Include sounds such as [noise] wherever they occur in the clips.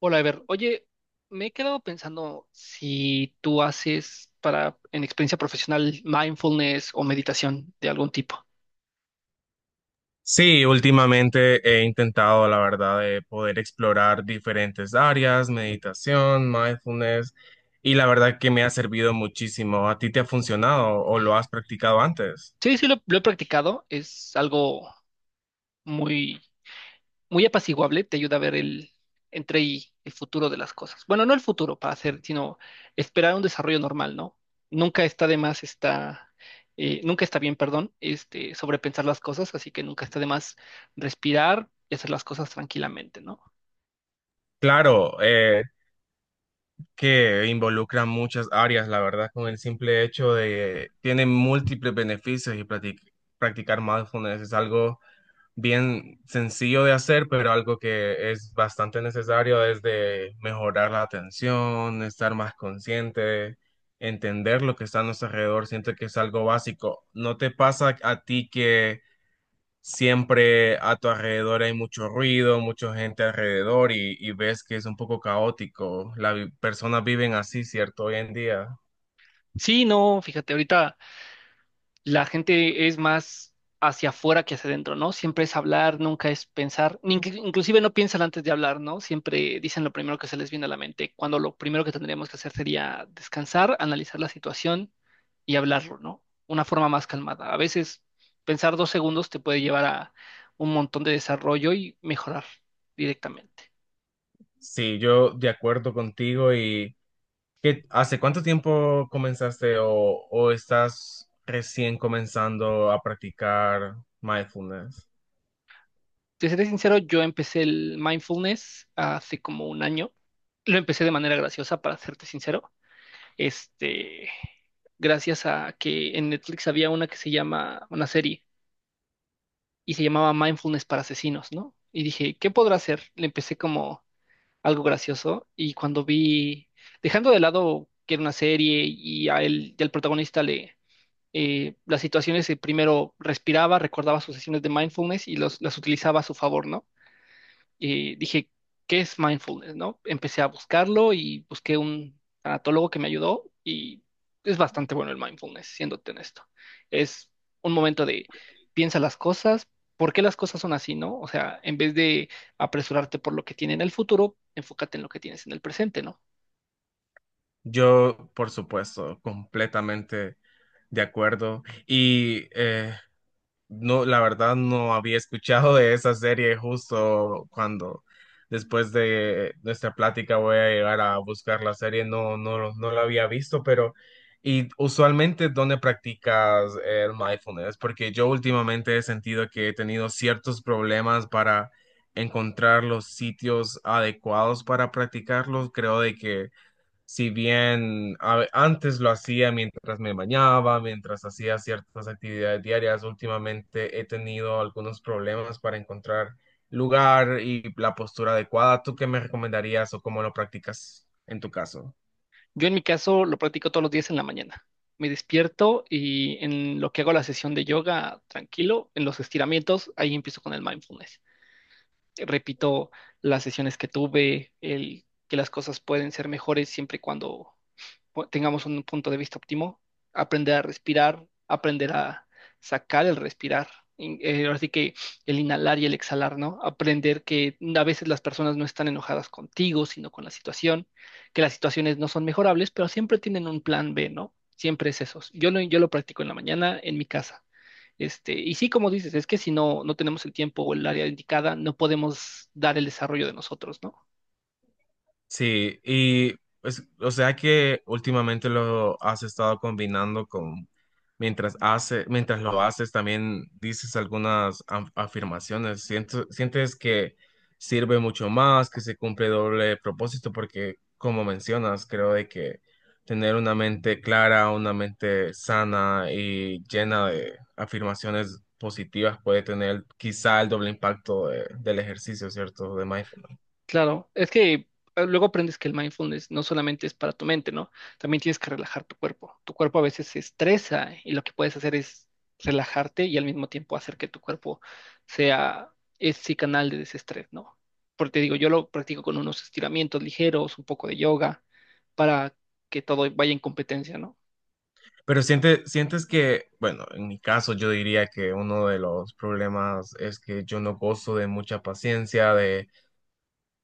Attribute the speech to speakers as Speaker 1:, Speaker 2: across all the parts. Speaker 1: Hola, Ever. Oye, me he quedado pensando si tú haces en experiencia profesional, mindfulness o meditación de algún tipo.
Speaker 2: Sí, últimamente he intentado, la verdad, de poder explorar diferentes áreas, meditación, mindfulness, y la verdad que me ha servido muchísimo. ¿A ti te ha funcionado o lo has practicado antes?
Speaker 1: Sí, sí, lo he practicado. Es algo muy, muy apaciguable. Te ayuda a ver el entre y el futuro de las cosas. Bueno, no el futuro para hacer, sino esperar un desarrollo normal, ¿no? Nunca está de más, está, Nunca está bien, perdón, sobrepensar las cosas, así que nunca está de más respirar y hacer las cosas tranquilamente, ¿no?
Speaker 2: Claro, que involucra muchas áreas, la verdad, con el simple hecho de tiene múltiples beneficios y practicar mindfulness es algo bien sencillo de hacer, pero algo que es bastante necesario es de mejorar la atención, estar más consciente, entender lo que está a nuestro alrededor. Siento que es algo básico. ¿No te pasa a ti que siempre a tu alrededor hay mucho ruido, mucha gente alrededor y ves que es un poco caótico? Las personas viven así, ¿cierto? Hoy en día.
Speaker 1: Sí, no, fíjate, ahorita la gente es más hacia afuera que hacia adentro, ¿no? Siempre es hablar, nunca es pensar, ni que- inclusive no piensan antes de hablar, ¿no? Siempre dicen lo primero que se les viene a la mente, cuando lo primero que tendríamos que hacer sería descansar, analizar la situación y hablarlo, ¿no? Una forma más calmada. A veces pensar dos segundos te puede llevar a un montón de desarrollo y mejorar directamente.
Speaker 2: Sí, yo de acuerdo contigo y... ¿Qué, hace cuánto tiempo comenzaste o estás recién comenzando a practicar mindfulness?
Speaker 1: Te seré sincero, yo empecé el mindfulness hace como un año. Lo empecé de manera graciosa, para serte sincero. este, Gracias a que en Netflix había una que se llama, una serie, y se llamaba Mindfulness para Asesinos, ¿no? Y dije, ¿qué podrá hacer? Le empecé como algo gracioso y cuando vi, dejando de lado que era una serie y a él, las situaciones, primero respiraba, recordaba sus sesiones de mindfulness y las utilizaba a su favor, ¿no? Dije, ¿qué es mindfulness, no? Empecé a buscarlo y busqué un tanatólogo que me ayudó y es bastante bueno el mindfulness, siéndote honesto. Es un momento de piensa las cosas, ¿por qué las cosas son así, no? O sea, en vez de apresurarte por lo que tiene en el futuro, enfócate en lo que tienes en el presente, ¿no?
Speaker 2: Yo, por supuesto, completamente de acuerdo. No, la verdad no había escuchado de esa serie, justo cuando después de nuestra plática voy a llegar a buscar la serie. No, no, no la había visto, pero y usualmente, ¿dónde practicas el mindfulness? Porque yo últimamente he sentido que he tenido ciertos problemas para encontrar los sitios adecuados para practicarlos. Creo de que si bien antes lo hacía mientras me bañaba, mientras hacía ciertas actividades diarias, últimamente he tenido algunos problemas para encontrar lugar y la postura adecuada. ¿Tú qué me recomendarías o cómo lo practicas en tu caso?
Speaker 1: Yo en mi caso lo practico todos los días en la mañana. Me despierto y en lo que hago la sesión de yoga, tranquilo, en los estiramientos, ahí empiezo con el mindfulness. Repito las sesiones que tuve, el que las cosas pueden ser mejores siempre y cuando tengamos un punto de vista óptimo, aprender a respirar, aprender a sacar el respirar. Ahora sí que el inhalar y el exhalar, ¿no? Aprender que a veces las personas no están enojadas contigo, sino con la situación, que las situaciones no son mejorables, pero siempre tienen un plan B, ¿no? Siempre es eso. Yo lo practico en la mañana en mi casa. Este, y sí, como dices, es que si no, no tenemos el tiempo o el área indicada, no podemos dar el desarrollo de nosotros, ¿no?
Speaker 2: Sí, y pues, o sea que últimamente lo has estado combinando con, mientras lo haces, también dices algunas afirmaciones. ¿Sientes que sirve mucho más, que se cumple doble propósito? Porque como mencionas, creo de que tener una mente clara, una mente sana y llena de afirmaciones positivas puede tener quizá el doble impacto del ejercicio, ¿cierto? De mindfulness.
Speaker 1: Claro, es que luego aprendes que el mindfulness no solamente es para tu mente, ¿no? También tienes que relajar tu cuerpo. Tu cuerpo a veces se estresa y lo que puedes hacer es relajarte y al mismo tiempo hacer que tu cuerpo sea ese canal de desestrés, ¿no? Porque te digo, yo lo practico con unos estiramientos ligeros, un poco de yoga, para que todo vaya en competencia, ¿no?
Speaker 2: ¿Sientes que, bueno, en mi caso yo diría que uno de los problemas es que yo no gozo de mucha paciencia, de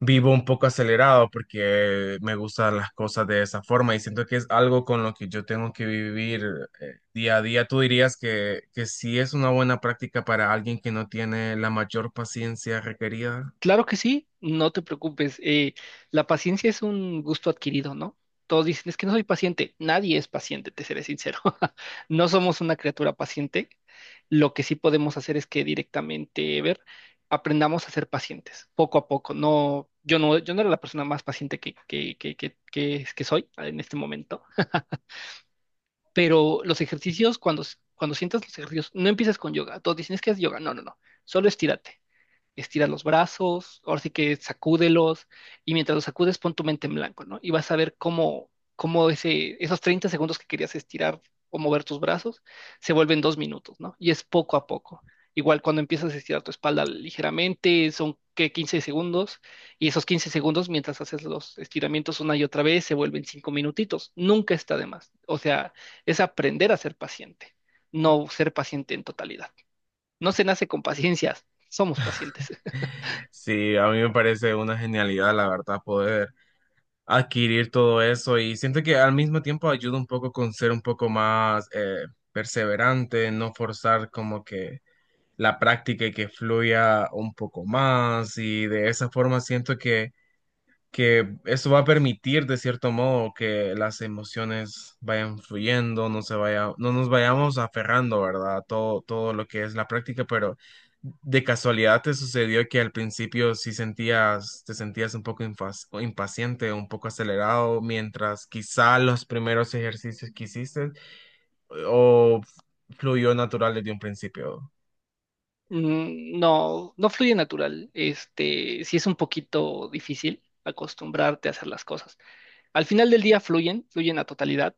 Speaker 2: vivo un poco acelerado porque me gustan las cosas de esa forma y siento que es algo con lo que yo tengo que vivir día a día? ¿Tú dirías que sí es una buena práctica para alguien que no tiene la mayor paciencia requerida?
Speaker 1: Claro que sí, no te preocupes. La paciencia es un gusto adquirido, ¿no? Todos dicen, es que no soy paciente. Nadie es paciente, te seré sincero. [laughs] No somos una criatura paciente. Lo que sí podemos hacer es que directamente, ver, aprendamos a ser pacientes, poco a poco. Yo no era la persona más paciente que, que soy en este momento, pero los ejercicios, cuando sientas los ejercicios, no empiezas con yoga. Todos dicen, es que es yoga. No, no, no. Solo estírate estira los brazos, ahora sí que sacúdelos, y mientras los sacudes pon tu mente en blanco, ¿no? Y vas a ver cómo esos 30 segundos que querías estirar o mover tus brazos se vuelven 2 minutos, ¿no? Y es poco a poco. Igual cuando empiezas a estirar tu espalda ligeramente, son que 15 segundos, y esos 15 segundos mientras haces los estiramientos una y otra vez se vuelven 5 minutitos. Nunca está de más. O sea, es aprender a ser paciente, no ser paciente en totalidad. No se nace con paciencias, somos pacientes.
Speaker 2: [laughs] Sí, a mí me parece una genialidad, la verdad, poder adquirir todo eso, y siento que al mismo tiempo ayuda un poco con ser un poco más perseverante, no forzar como que la práctica y que fluya un poco más, y de esa forma siento que eso va a permitir de cierto modo que las emociones vayan fluyendo, no se vaya, no nos vayamos aferrando, ¿verdad? A todo, todo lo que es la práctica. Pero de casualidad, ¿te sucedió que al principio sí sentías, te sentías un poco impaciente, un poco acelerado, mientras quizá los primeros ejercicios que hiciste, o fluyó natural desde un principio?
Speaker 1: No, no fluye natural. Este, sí es un poquito difícil acostumbrarte a hacer las cosas. Al final del día fluyen, fluyen a totalidad,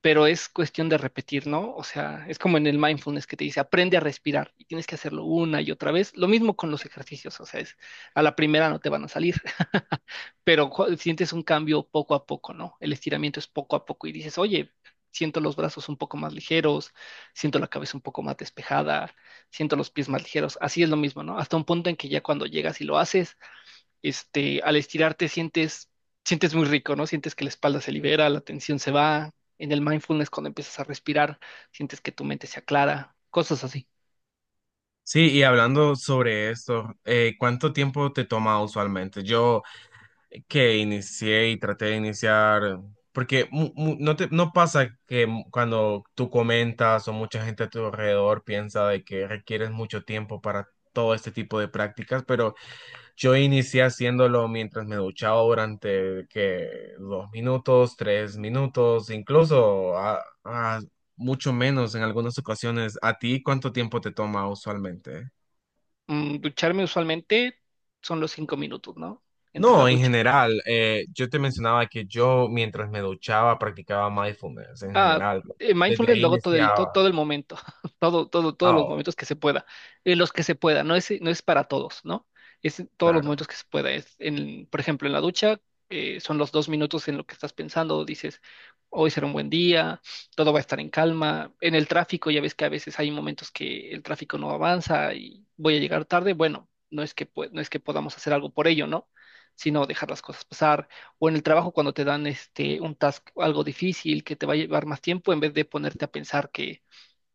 Speaker 1: pero es cuestión de repetir, ¿no? O sea, es como en el mindfulness que te dice, aprende a respirar y tienes que hacerlo una y otra vez. Lo mismo con los ejercicios, o sea, es, a la primera no te van a salir, [laughs] pero sientes un cambio poco a poco, ¿no? El estiramiento es poco a poco y dices, oye, siento los brazos un poco más ligeros, siento la cabeza un poco más despejada, siento los pies más ligeros. Así es lo mismo, ¿no? Hasta un punto en que ya cuando llegas y lo haces, al estirarte sientes muy rico, ¿no? Sientes que la espalda se libera, la tensión se va. En el mindfulness, cuando empiezas a respirar, sientes que tu mente se aclara, cosas así.
Speaker 2: Sí, y hablando sobre esto, ¿cuánto tiempo te toma usualmente? Yo que inicié y traté de iniciar, porque no te, no pasa que cuando tú comentas o mucha gente a tu alrededor piensa de que requieres mucho tiempo para todo este tipo de prácticas, pero yo inicié haciéndolo mientras me duchaba durante que dos minutos, tres minutos, incluso a mucho menos en algunas ocasiones. ¿A ti cuánto tiempo te toma usualmente?
Speaker 1: Ducharme usualmente son los 5 minutos, ¿no? Entre la
Speaker 2: No, en
Speaker 1: ducha.
Speaker 2: general, yo te mencionaba que yo mientras me duchaba practicaba mindfulness en
Speaker 1: Ah,
Speaker 2: general, ¿no? Desde
Speaker 1: mindfulness
Speaker 2: ahí
Speaker 1: luego todo
Speaker 2: iniciaba.
Speaker 1: el momento, [laughs] todo, todo, todos
Speaker 2: Ah.
Speaker 1: los
Speaker 2: Oh,
Speaker 1: momentos que se pueda, en los que se pueda, no es, no es para todos, ¿no? Es en todos los momentos
Speaker 2: claro.
Speaker 1: que se pueda. Es en, por ejemplo, en la ducha, son los 2 minutos en lo que estás pensando, dices, hoy será un buen día, todo va a estar en calma. En el tráfico, ya ves que a veces hay momentos que el tráfico no avanza y voy a llegar tarde, bueno, no es que, no es que podamos hacer algo por ello, ¿no? Sino dejar las cosas pasar o en el trabajo cuando te dan este un task algo difícil que te va a llevar más tiempo, en vez de ponerte a pensar que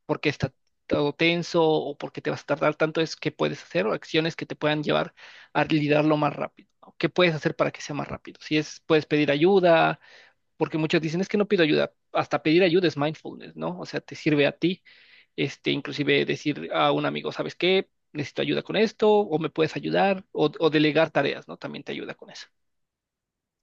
Speaker 1: por qué está todo tenso o por qué te vas a tardar tanto, es qué puedes hacer o acciones que te puedan llevar a liderarlo más rápido. ¿No? ¿Qué puedes hacer para que sea más rápido? Si es, puedes pedir ayuda, porque muchos dicen es que no pido ayuda. Hasta pedir ayuda es mindfulness, ¿no? O sea, te sirve a ti, inclusive decir a un amigo, ¿sabes qué? Necesito ayuda con esto, o me puedes ayudar, o delegar tareas, ¿no? También te ayuda con eso.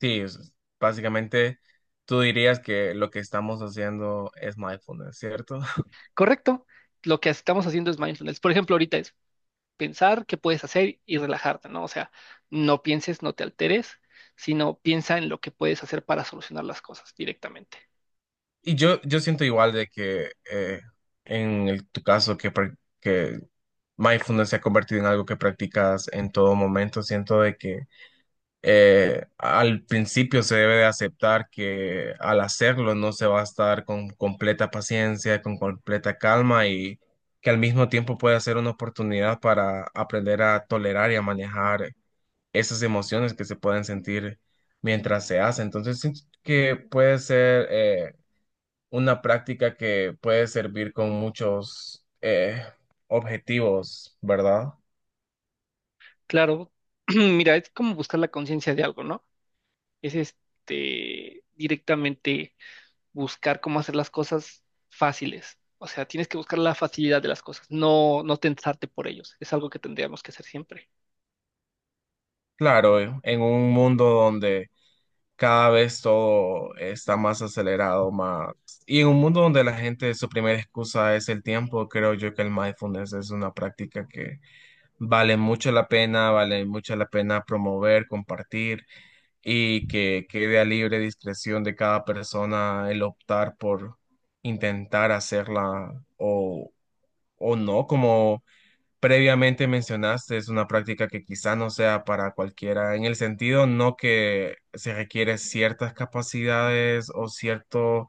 Speaker 2: Sí, básicamente tú dirías que lo que estamos haciendo es mindfulness, ¿cierto? [laughs]
Speaker 1: Correcto. Lo que estamos haciendo es mindfulness. Por ejemplo, ahorita es pensar qué puedes hacer y relajarte, ¿no? O sea, no pienses, no te alteres, sino piensa en lo que puedes hacer para solucionar las cosas directamente.
Speaker 2: Yo siento igual de que en tu caso que, que mindfulness se ha convertido en algo que practicas en todo momento, siento de que al principio se debe de aceptar que al hacerlo no se va a estar con completa paciencia, con completa calma, y que al mismo tiempo puede ser una oportunidad para aprender a tolerar y a manejar esas emociones que se pueden sentir mientras se hace. Entonces, siento que puede ser una práctica que puede servir con muchos objetivos, ¿verdad?
Speaker 1: Claro, [clears throat] mira, es como buscar la conciencia de algo, ¿no? Es este directamente buscar cómo hacer las cosas fáciles. O sea, tienes que buscar la facilidad de las cosas, no, no tensarte por ellos. Es algo que tendríamos que hacer siempre.
Speaker 2: Claro, en un mundo donde cada vez todo está más acelerado, más... Y en un mundo donde la gente su primera excusa es el tiempo, creo yo que el mindfulness es una práctica que vale mucho la pena, vale mucho la pena promover, compartir, y que quede a libre discreción de cada persona el optar por intentar hacerla o no, como previamente mencionaste. Es una práctica que quizá no sea para cualquiera, en el sentido no que se requiere ciertas capacidades o cierto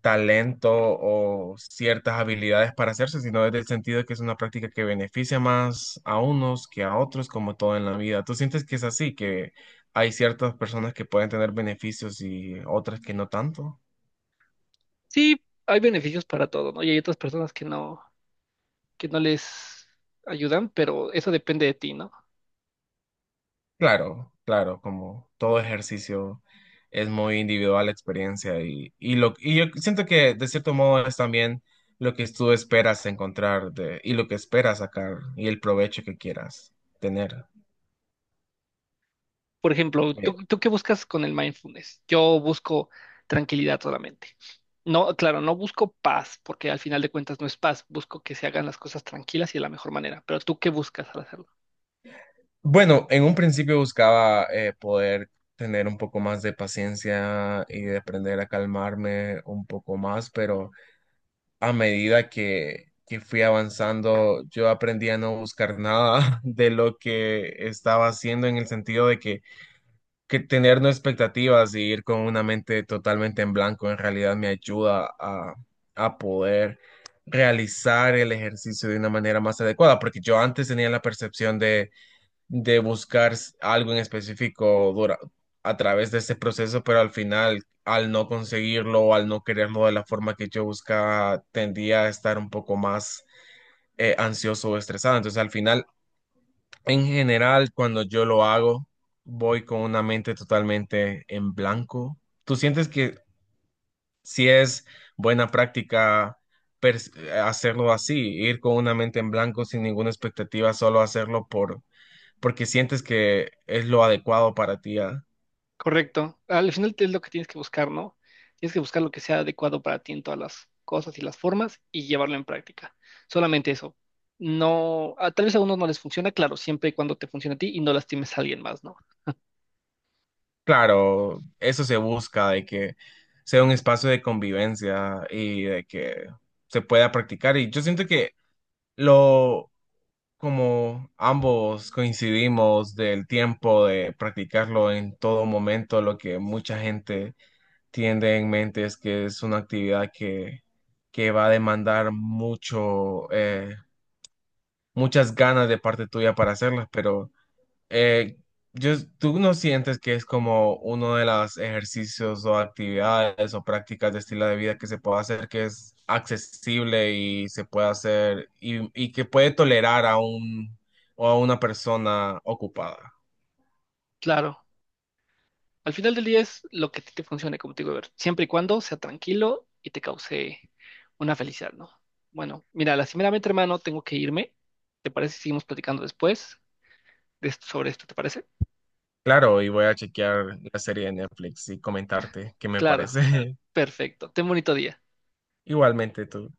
Speaker 2: talento o ciertas habilidades para hacerse, sino desde el sentido que es una práctica que beneficia más a unos que a otros, como todo en la vida. ¿Tú sientes que es así, que hay ciertas personas que pueden tener beneficios y otras que no tanto?
Speaker 1: Sí, hay beneficios para todo, ¿no? Y hay otras personas que no les ayudan, pero eso depende de ti, ¿no?
Speaker 2: Claro, claro, como todo ejercicio es muy individual la experiencia, y yo siento que de cierto modo es también lo que tú esperas encontrar de, y lo que esperas sacar y el provecho que quieras tener.
Speaker 1: Por ejemplo,
Speaker 2: Eh,
Speaker 1: ¿tú qué buscas con el mindfulness? Yo busco tranquilidad solamente. No, claro, no busco paz, porque al final de cuentas no es paz, busco que se hagan las cosas tranquilas y de la mejor manera, pero ¿tú qué buscas al hacerlo?
Speaker 2: bueno, en un principio buscaba poder tener un poco más de paciencia y de aprender a calmarme un poco más, pero... a medida que fui avanzando, yo aprendí a no buscar nada [laughs] de lo que estaba haciendo, en el sentido de que tener no expectativas y ir con una mente totalmente en blanco en realidad me ayuda a poder realizar el ejercicio de una manera más adecuada, porque yo antes tenía la percepción de buscar algo en específico a través de este proceso, pero al final, al no conseguirlo o al no quererlo de la forma que yo buscaba, tendía a estar un poco más ansioso o estresado. Entonces, al final, en general, cuando yo lo hago, voy con una mente totalmente en blanco. ¿Tú sientes que si es buena práctica? Hacerlo así, ir con una mente en blanco sin ninguna expectativa, solo hacerlo por, porque sientes que es lo adecuado para ti. Ah.
Speaker 1: Correcto. Al final es lo que tienes que buscar, ¿no? Tienes que buscar lo que sea adecuado para ti en todas las cosas y las formas y llevarlo en práctica. Solamente eso. No, a- Tal vez a unos no les funciona, claro, siempre y cuando te funcione a ti y no lastimes a alguien más, ¿no?
Speaker 2: Claro, eso se busca, de que sea un espacio de convivencia y de que se pueda practicar. Y yo siento que lo, como ambos coincidimos del tiempo de practicarlo en todo momento, lo que mucha gente tiene en mente es que es una actividad que va a demandar mucho, muchas ganas de parte tuya para hacerlas, pero Eh, ¿tú no sientes que es como uno de los ejercicios o actividades o prácticas de estilo de vida que se puede hacer, que es accesible y se puede hacer, y que puede tolerar a un o a una persona ocupada?
Speaker 1: Claro. Al final del día es lo que a ti te funcione, como te digo, Ever, siempre y cuando sea tranquilo y te cause una felicidad, ¿no? Bueno, mira, lastimeramente, hermano, tengo que irme. ¿Te parece si seguimos platicando después sobre esto? ¿Te parece?
Speaker 2: Claro, y voy a chequear la serie de Netflix y comentarte qué me
Speaker 1: Claro,
Speaker 2: parece.
Speaker 1: perfecto. Ten bonito día.
Speaker 2: [laughs] Igualmente tú.